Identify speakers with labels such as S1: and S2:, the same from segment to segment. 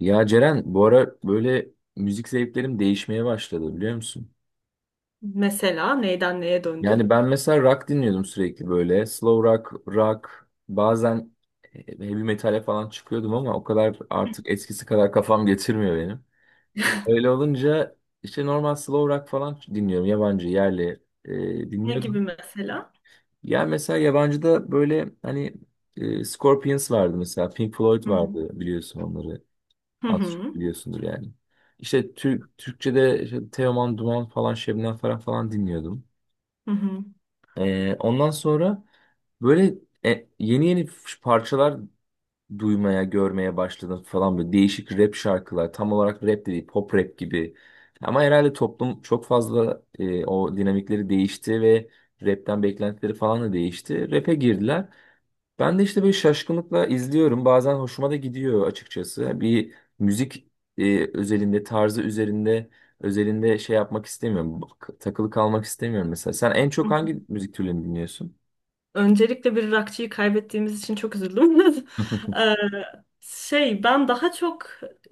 S1: Ya Ceren bu ara böyle müzik zevklerim değişmeye başladı, biliyor musun?
S2: Mesela neyden neye
S1: Yani
S2: döndün?
S1: ben mesela rock dinliyordum sürekli böyle. Slow rock, rock bazen heavy metale falan çıkıyordum, ama o kadar, artık eskisi kadar kafam getirmiyor benim. Öyle olunca işte normal slow rock falan dinliyorum. Yabancı, yerli
S2: Ne gibi
S1: dinliyordum.
S2: mesela?
S1: Yani mesela yabancıda böyle hani Scorpions vardı mesela. Pink Floyd
S2: Hı hı.
S1: vardı, biliyorsun onları.
S2: Hı
S1: Az çok
S2: hı.
S1: biliyorsundur yani. İşte Türk, Türkçe'de işte Teoman Duman falan, Şebnem Ferah falan dinliyordum.
S2: Hı
S1: Ondan sonra böyle yeni yeni parçalar duymaya, görmeye başladım falan, böyle değişik rap şarkılar. Tam olarak rap de değil, pop rap gibi. Ama herhalde toplum çok fazla o dinamikleri değişti ve rapten beklentileri falan da değişti. Rap'e girdiler. Ben de işte böyle şaşkınlıkla izliyorum. Bazen hoşuma da gidiyor açıkçası. Bir müzik özelinde, tarzı üzerinde, özelinde şey yapmak istemiyorum. Takılı kalmak istemiyorum mesela. Sen en çok
S2: hı.
S1: hangi müzik türlerini dinliyorsun?
S2: Öncelikle bir rockçıyı kaybettiğimiz için çok üzüldüm. Ee, ben daha çok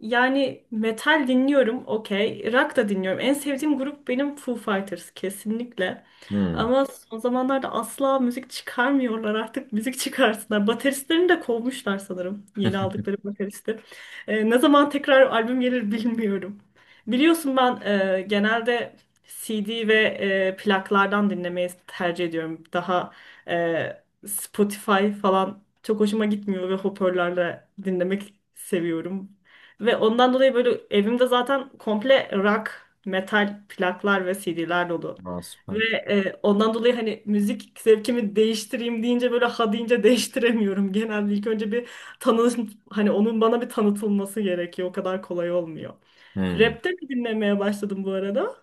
S2: yani metal dinliyorum, okey. Rock da dinliyorum. En sevdiğim grup benim Foo Fighters kesinlikle.
S1: Hmm.
S2: Ama son zamanlarda asla müzik çıkarmıyorlar, artık müzik çıkarsınlar. Bateristlerini de kovmuşlar sanırım, yeni aldıkları bateristi. Ne zaman tekrar albüm gelir bilmiyorum. Biliyorsun ben genelde CD ve plaklardan dinlemeyi tercih ediyorum. Daha Spotify falan çok hoşuma gitmiyor ve hoparlörle dinlemek seviyorum. Ve ondan dolayı böyle evimde zaten komple rock, metal plaklar ve CD'ler dolu.
S1: Aa,
S2: Ve
S1: süper.
S2: ondan dolayı hani müzik zevkimi değiştireyim deyince, böyle ha deyince, değiştiremiyorum. Genelde ilk önce bir tanı, hani onun bana bir tanıtılması gerekiyor. O kadar kolay olmuyor.
S1: Hmm.
S2: Rap de mi dinlemeye başladım bu arada?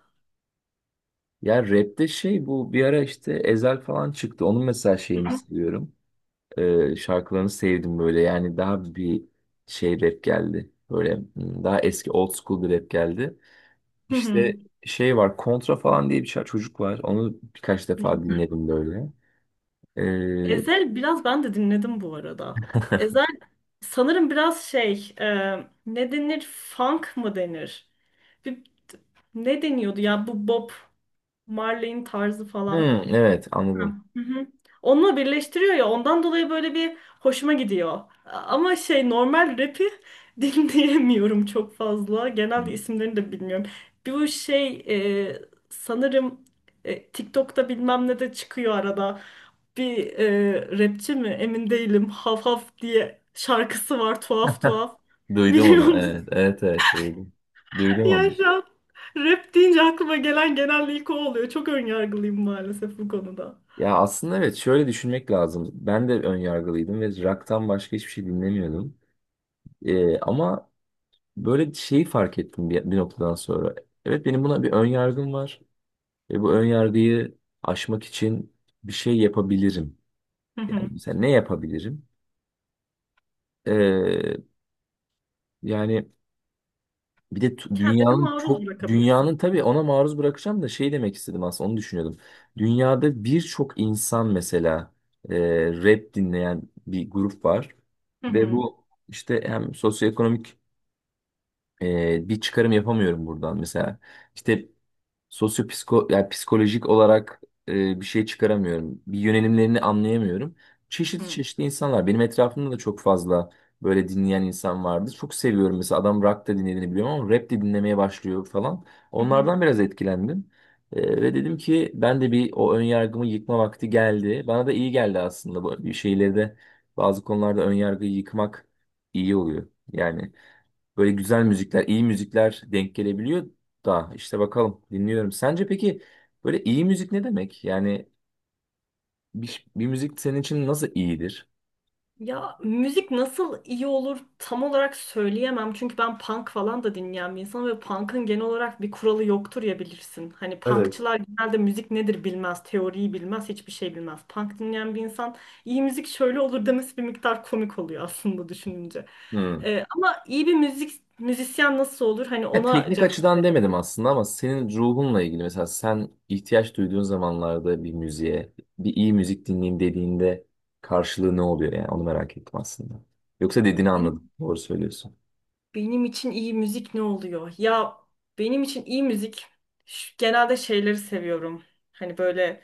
S1: Ya rapte şey, bu bir ara işte Ezel falan çıktı. Onun mesela şeyini seviyorum. Şarkılarını sevdim böyle. Yani daha bir şey rap geldi. Böyle daha eski, old school bir rap geldi.
S2: Hı
S1: İşte
S2: hı.
S1: şey var, kontra falan diye bir çocuk var. Onu birkaç defa dinledim böyle. Ee,
S2: Ezel biraz ben de dinledim bu arada. Ezel sanırım biraz ne denir, funk mı denir? Bir, ne deniyordu ya bu Bob Marley'in tarzı
S1: hmm,
S2: falan.
S1: evet, anladım.
S2: Hı hı. Onunla birleştiriyor ya, ondan dolayı böyle bir hoşuma gidiyor. Ama şey, normal rap'i dinleyemiyorum çok fazla. Genelde isimlerini de bilmiyorum. Bir bu şey e, sanırım e, TikTok'ta bilmem ne de çıkıyor arada. Bir rapçi mi emin değilim. Haf Haf diye şarkısı var, tuhaf tuhaf.
S1: Duydum
S2: Biliyor
S1: onu.
S2: musun?
S1: Evet, evet, evet, duydum. Duydum
S2: Ya
S1: onu.
S2: şu an rap deyince aklıma gelen genelde ilk o oluyor. Çok önyargılıyım maalesef bu konuda.
S1: Ya aslında evet, şöyle düşünmek lazım. Ben de ön yargılıydım ve rock'tan başka hiçbir şey dinlemiyordum. Ama böyle şeyi fark ettim bir noktadan sonra. Evet, benim buna bir ön yargım var. Ve bu ön yargıyı aşmak için bir şey yapabilirim.
S2: Hı
S1: Yani
S2: hı.
S1: mesela ne yapabilirim? Ee, Yani bir de
S2: Kendini
S1: dünyanın
S2: maruz
S1: çok,
S2: bırakabilirsin.
S1: dünyanın tabii ona maruz bırakacağım da şey demek istedim aslında, onu düşünüyordum. Dünyada birçok insan mesela e, rap dinleyen bir grup var
S2: Hı
S1: ve
S2: hı,
S1: bu işte hem sosyoekonomik bir çıkarım yapamıyorum buradan mesela. İşte sosyopsiko, yani psikolojik olarak bir şey çıkaramıyorum. Bir yönelimlerini anlayamıyorum. Çeşitli
S2: hı,
S1: çeşitli insanlar. Benim etrafımda da çok fazla böyle dinleyen insan vardı. Çok seviyorum mesela, adam rock da dinlediğini biliyorum ama rap de dinlemeye başlıyor falan.
S2: hı hı.
S1: Onlardan biraz etkilendim. Ve dedim ki ben de bir o ön yargımı yıkma vakti geldi. Bana da iyi geldi aslında bu, bir şeyleri de, bazı konularda ön yargıyı yıkmak iyi oluyor. Yani böyle güzel müzikler, iyi müzikler denk gelebiliyor da işte bakalım, dinliyorum. Sence peki böyle iyi müzik ne demek? Yani bir müzik senin için nasıl iyidir?
S2: Ya müzik nasıl iyi olur tam olarak söyleyemem. Çünkü ben punk falan da dinleyen bir insanım ve punk'ın genel olarak bir kuralı yoktur ya, bilirsin. Hani
S1: Evet.
S2: punkçılar genelde müzik nedir bilmez, teoriyi bilmez, hiçbir şey bilmez. Punk dinleyen bir insan iyi müzik şöyle olur demesi bir miktar komik oluyor aslında düşününce.
S1: Hmm.
S2: Ama iyi bir müzik müzisyen nasıl olur? Hani
S1: Ya
S2: ona
S1: teknik
S2: cevap
S1: açıdan demedim aslında, ama senin ruhunla ilgili mesela, sen ihtiyaç duyduğun zamanlarda bir müziğe, bir iyi müzik dinleyeyim dediğinde karşılığı ne oluyor, yani onu merak ettim aslında. Yoksa dediğini anladım.
S2: verebilirim.
S1: Doğru söylüyorsun.
S2: Benim için iyi müzik ne oluyor? Ya benim için iyi müzik genelde şeyleri seviyorum. Hani böyle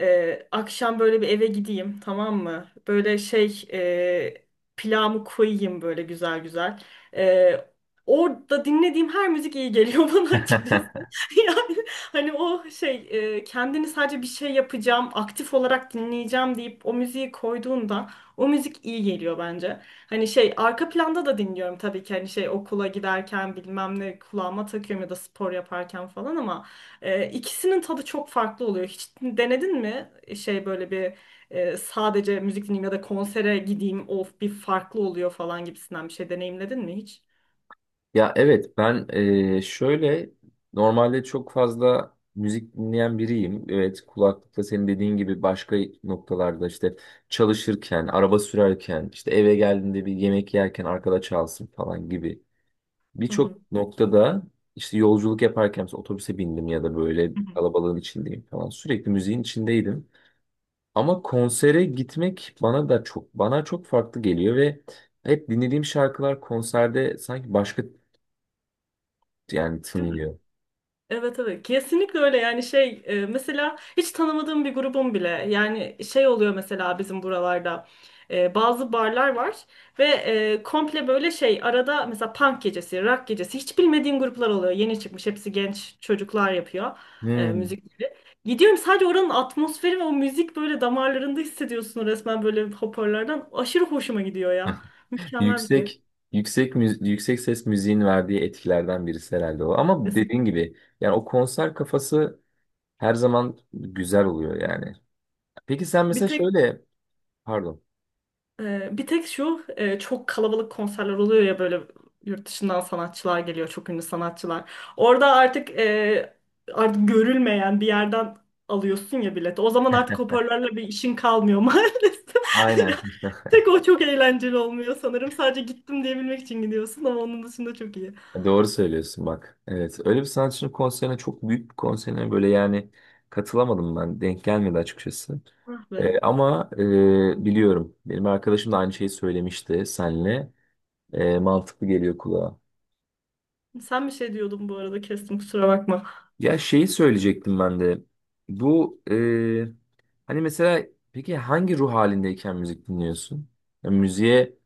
S2: akşam böyle bir eve gideyim, tamam mı? Pilavımı koyayım böyle güzel güzel. Ee, Orada dinlediğim her müzik iyi geliyor bana açıkçası. Yani hani kendini sadece bir şey yapacağım, aktif olarak dinleyeceğim deyip o müziği koyduğunda o müzik iyi geliyor bence. Hani şey, arka planda da dinliyorum tabii ki, hani şey, okula giderken bilmem ne kulağıma takıyorum ya da spor yaparken falan, ama ikisinin tadı çok farklı oluyor. Hiç denedin mi? Şey, böyle bir sadece müzik dinleyeyim ya da konsere gideyim, of, bir farklı oluyor falan gibisinden bir şey deneyimledin mi hiç?
S1: Ya evet, ben şöyle normalde çok fazla müzik dinleyen biriyim. Evet, kulaklıkla senin dediğin gibi başka noktalarda, işte çalışırken, araba sürerken, işte eve geldiğinde bir yemek yerken arkada çalsın falan gibi.
S2: Hı
S1: Birçok
S2: hı.
S1: noktada işte yolculuk yaparken, mesela otobüse bindim ya da böyle
S2: Hı
S1: bir
S2: hı.
S1: kalabalığın içindeyim falan, sürekli müziğin içindeydim. Ama konsere gitmek bana çok farklı geliyor ve hep dinlediğim şarkılar konserde sanki başka, yani
S2: Değil mi?
S1: tınlıyor.
S2: Evet evet, kesinlikle öyle yani. Mesela hiç tanımadığım bir grubum bile, yani şey oluyor, mesela bizim buralarda bazı barlar var ve komple böyle şey arada mesela punk gecesi, rock gecesi, hiç bilmediğim gruplar oluyor, yeni çıkmış, hepsi genç çocuklar yapıyor
S1: Hmm.
S2: müzikleri, gidiyorum sadece oranın atmosferi ve o müzik böyle damarlarında hissediyorsun resmen, böyle hoparlardan, aşırı hoşuma gidiyor ya, mükemmel bir şey.
S1: Yüksek yüksek ses müziğin verdiği etkilerden birisi herhalde o. Ama dediğin gibi yani o konser kafası her zaman güzel oluyor yani. Peki sen
S2: Bir
S1: mesela
S2: tek
S1: şöyle, pardon.
S2: Bir tek şu çok kalabalık konserler oluyor ya, böyle yurt dışından sanatçılar geliyor, çok ünlü sanatçılar. Orada artık artık görülmeyen bir yerden alıyorsun ya bileti. O zaman artık hoparlörle bir işin kalmıyor maalesef. Ya,
S1: Aynen.
S2: tek o çok eğlenceli olmuyor sanırım. Sadece gittim diyebilmek için gidiyorsun, ama onun dışında çok iyi.
S1: Doğru söylüyorsun bak. Evet. Öyle bir sanatçının konserine, çok büyük bir konserine böyle yani katılamadım ben. Denk gelmedi açıkçası.
S2: Ah be.
S1: Ama biliyorum. Benim arkadaşım da aynı şeyi söylemişti senle. Mantıklı geliyor kulağa.
S2: Sen bir şey diyordun bu arada, kestim, kusura bakma.
S1: Ya şeyi söyleyecektim ben de. Bu hani mesela, peki hangi ruh halindeyken müzik dinliyorsun? Ya müziğe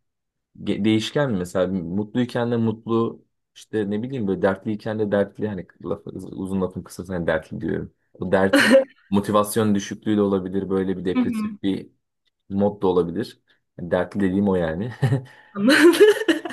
S1: değişken mi? Mesela mutluyken de mutlu, işte ne bileyim, böyle dertliyken de dertli, hani uzun lafın kısası hani dertli diyorum. Bu dert motivasyon düşüklüğü de olabilir, böyle bir depresif bir mod da olabilir. Yani dertli dediğim o yani.
S2: Anladım.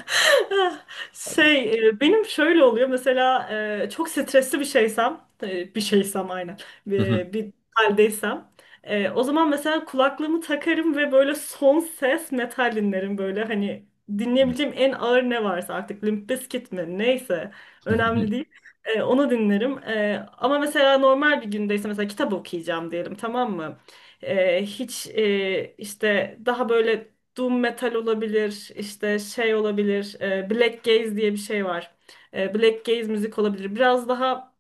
S2: Şey, benim şöyle oluyor mesela, çok stresli bir şeysem, bir şeysem, aynen, bir haldeysem, o zaman mesela kulaklığımı takarım ve böyle son ses metal dinlerim, böyle hani dinleyebileceğim en ağır ne varsa artık, Limp Bizkit mi neyse, önemli değil. E, onu dinlerim. Ama mesela normal bir gündeyse, mesela kitap okuyacağım diyelim, tamam mı? İşte daha böyle Doom metal olabilir, işte şey olabilir, Black Gaze diye bir şey var. Black Gaze müzik olabilir. Biraz daha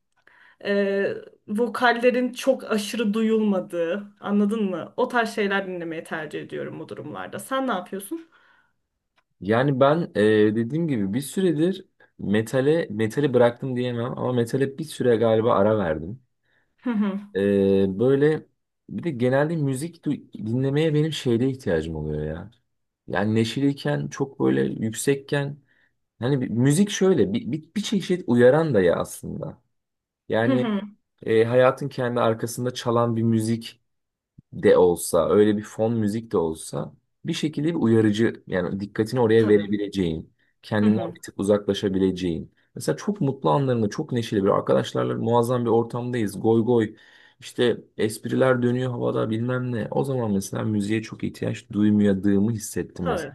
S2: e, vokallerin çok aşırı duyulmadığı, anladın mı? O tarz şeyler dinlemeyi tercih ediyorum bu durumlarda. Sen ne yapıyorsun?
S1: Yani ben dediğim gibi bir süredir metali bıraktım diyemem ama metale bir süre galiba ara verdim.
S2: Hı hı.
S1: Böyle bir de genelde müzik dinlemeye benim şeyde ihtiyacım oluyor ya. Yani neşeliyken çok böyle yüksekken, hani müzik şöyle bir çeşit uyaran da ya aslında.
S2: Hı
S1: Yani
S2: hı.
S1: hayatın kendi arkasında çalan bir müzik de olsa, öyle bir fon müzik de olsa, bir şekilde bir uyarıcı, yani dikkatini oraya
S2: Tabii.
S1: verebileceğin,
S2: Hı
S1: kendinden
S2: hı.
S1: bir tık uzaklaşabileceğin. Mesela çok mutlu anlarında, çok neşeli, bir arkadaşlarla muazzam bir ortamdayız. Goy goy işte, espriler dönüyor havada, bilmem ne. O zaman mesela müziğe çok ihtiyaç duymadığımı hissettim mesela.
S2: Tabii.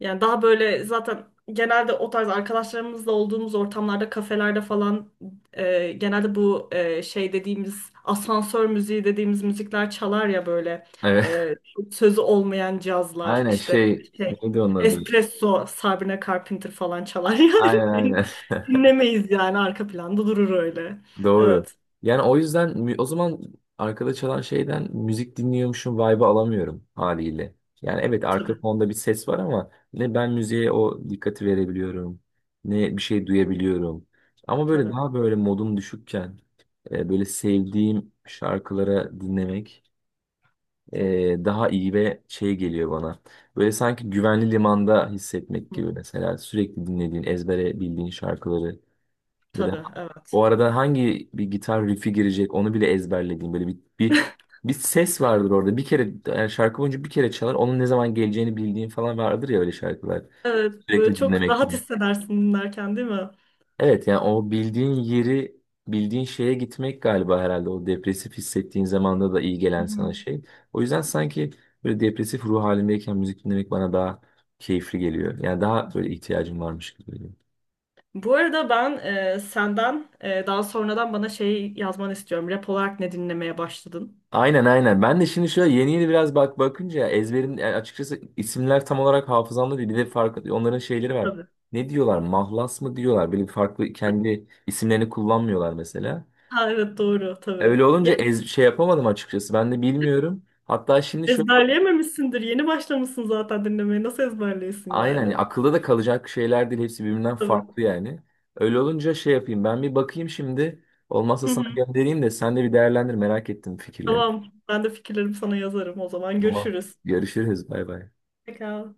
S2: Yani daha böyle zaten genelde o tarz arkadaşlarımızla olduğumuz ortamlarda, kafelerde falan genelde bu şey dediğimiz, asansör müziği dediğimiz müzikler çalar ya böyle
S1: Evet.
S2: e, sözü olmayan cazlar
S1: Aynen,
S2: işte,
S1: şey
S2: şey
S1: neydi onun adı?
S2: espresso, Sabrina Carpenter falan çalar
S1: Aynen,
S2: yani.
S1: aynen.
S2: Dinlemeyiz yani, arka planda durur öyle.
S1: Doğru.
S2: Evet,
S1: Yani o yüzden o zaman arkada çalan şeyden müzik dinliyormuşum, vibe'ı alamıyorum haliyle. Yani evet, arka
S2: tabii
S1: fonda bir ses var ama ne ben müziğe o dikkati verebiliyorum ne bir şey duyabiliyorum. Ama böyle
S2: tabii.
S1: daha, böyle modum düşükken böyle sevdiğim şarkılara dinlemek daha iyi ve şey geliyor bana. Böyle sanki güvenli limanda hissetmek
S2: Hı,
S1: gibi, mesela sürekli dinlediğin, ezbere bildiğin şarkıları böyle,
S2: tabii evet.
S1: o arada hangi bir gitar riff'i girecek onu bile ezberlediğim, böyle bir ses vardır orada. Bir kere yani, şarkı boyunca bir kere çalar. Onun ne zaman geleceğini bildiğin falan vardır ya, öyle şarkılar.
S2: Evet böyle
S1: Sürekli
S2: çok rahat
S1: dinlemekten.
S2: hissedersin dinlerken değil mi? Hı
S1: Evet, yani o bildiğin yeri, bildiğin şeye gitmek galiba, herhalde o depresif hissettiğin zamanda da iyi gelen sana
S2: hı.
S1: şey. O yüzden sanki böyle depresif ruh halindeyken müzik dinlemek bana daha keyifli geliyor. Yani daha böyle ihtiyacım varmış gibi geliyor.
S2: Bu arada ben senden daha sonradan bana şey yazmanı istiyorum. Rap olarak ne dinlemeye başladın?
S1: Aynen, aynen. Ben de şimdi şöyle yeni yeni biraz bak, bakınca ezberin, yani açıkçası isimler tam olarak hafızamda değil. Bir de farklı onların şeyleri var.
S2: Tabii.
S1: Ne diyorlar? Mahlas mı diyorlar? Böyle bir farklı, kendi isimlerini kullanmıyorlar mesela.
S2: Ha, evet doğru tabii.
S1: Öyle olunca
S2: Yani
S1: ez, şey yapamadım açıkçası. Ben de bilmiyorum. Hatta şimdi şöyle bak,
S2: ezberleyememişsindir. Yeni başlamışsın zaten dinlemeye. Nasıl ezberliyorsun
S1: aynen
S2: yani?
S1: hani akılda da kalacak şeyler değil. Hepsi birbirinden
S2: Tabii.
S1: farklı yani. Öyle olunca şey yapayım. Ben bir bakayım şimdi. Olmazsa
S2: Hı hı.
S1: sana göndereyim de sen de bir değerlendir. Merak ettim fikirlerini.
S2: Tamam. Ben de fikirlerimi sana yazarım o zaman.
S1: Tamam.
S2: Görüşürüz.
S1: Görüşürüz. Bay bay.
S2: Pekala.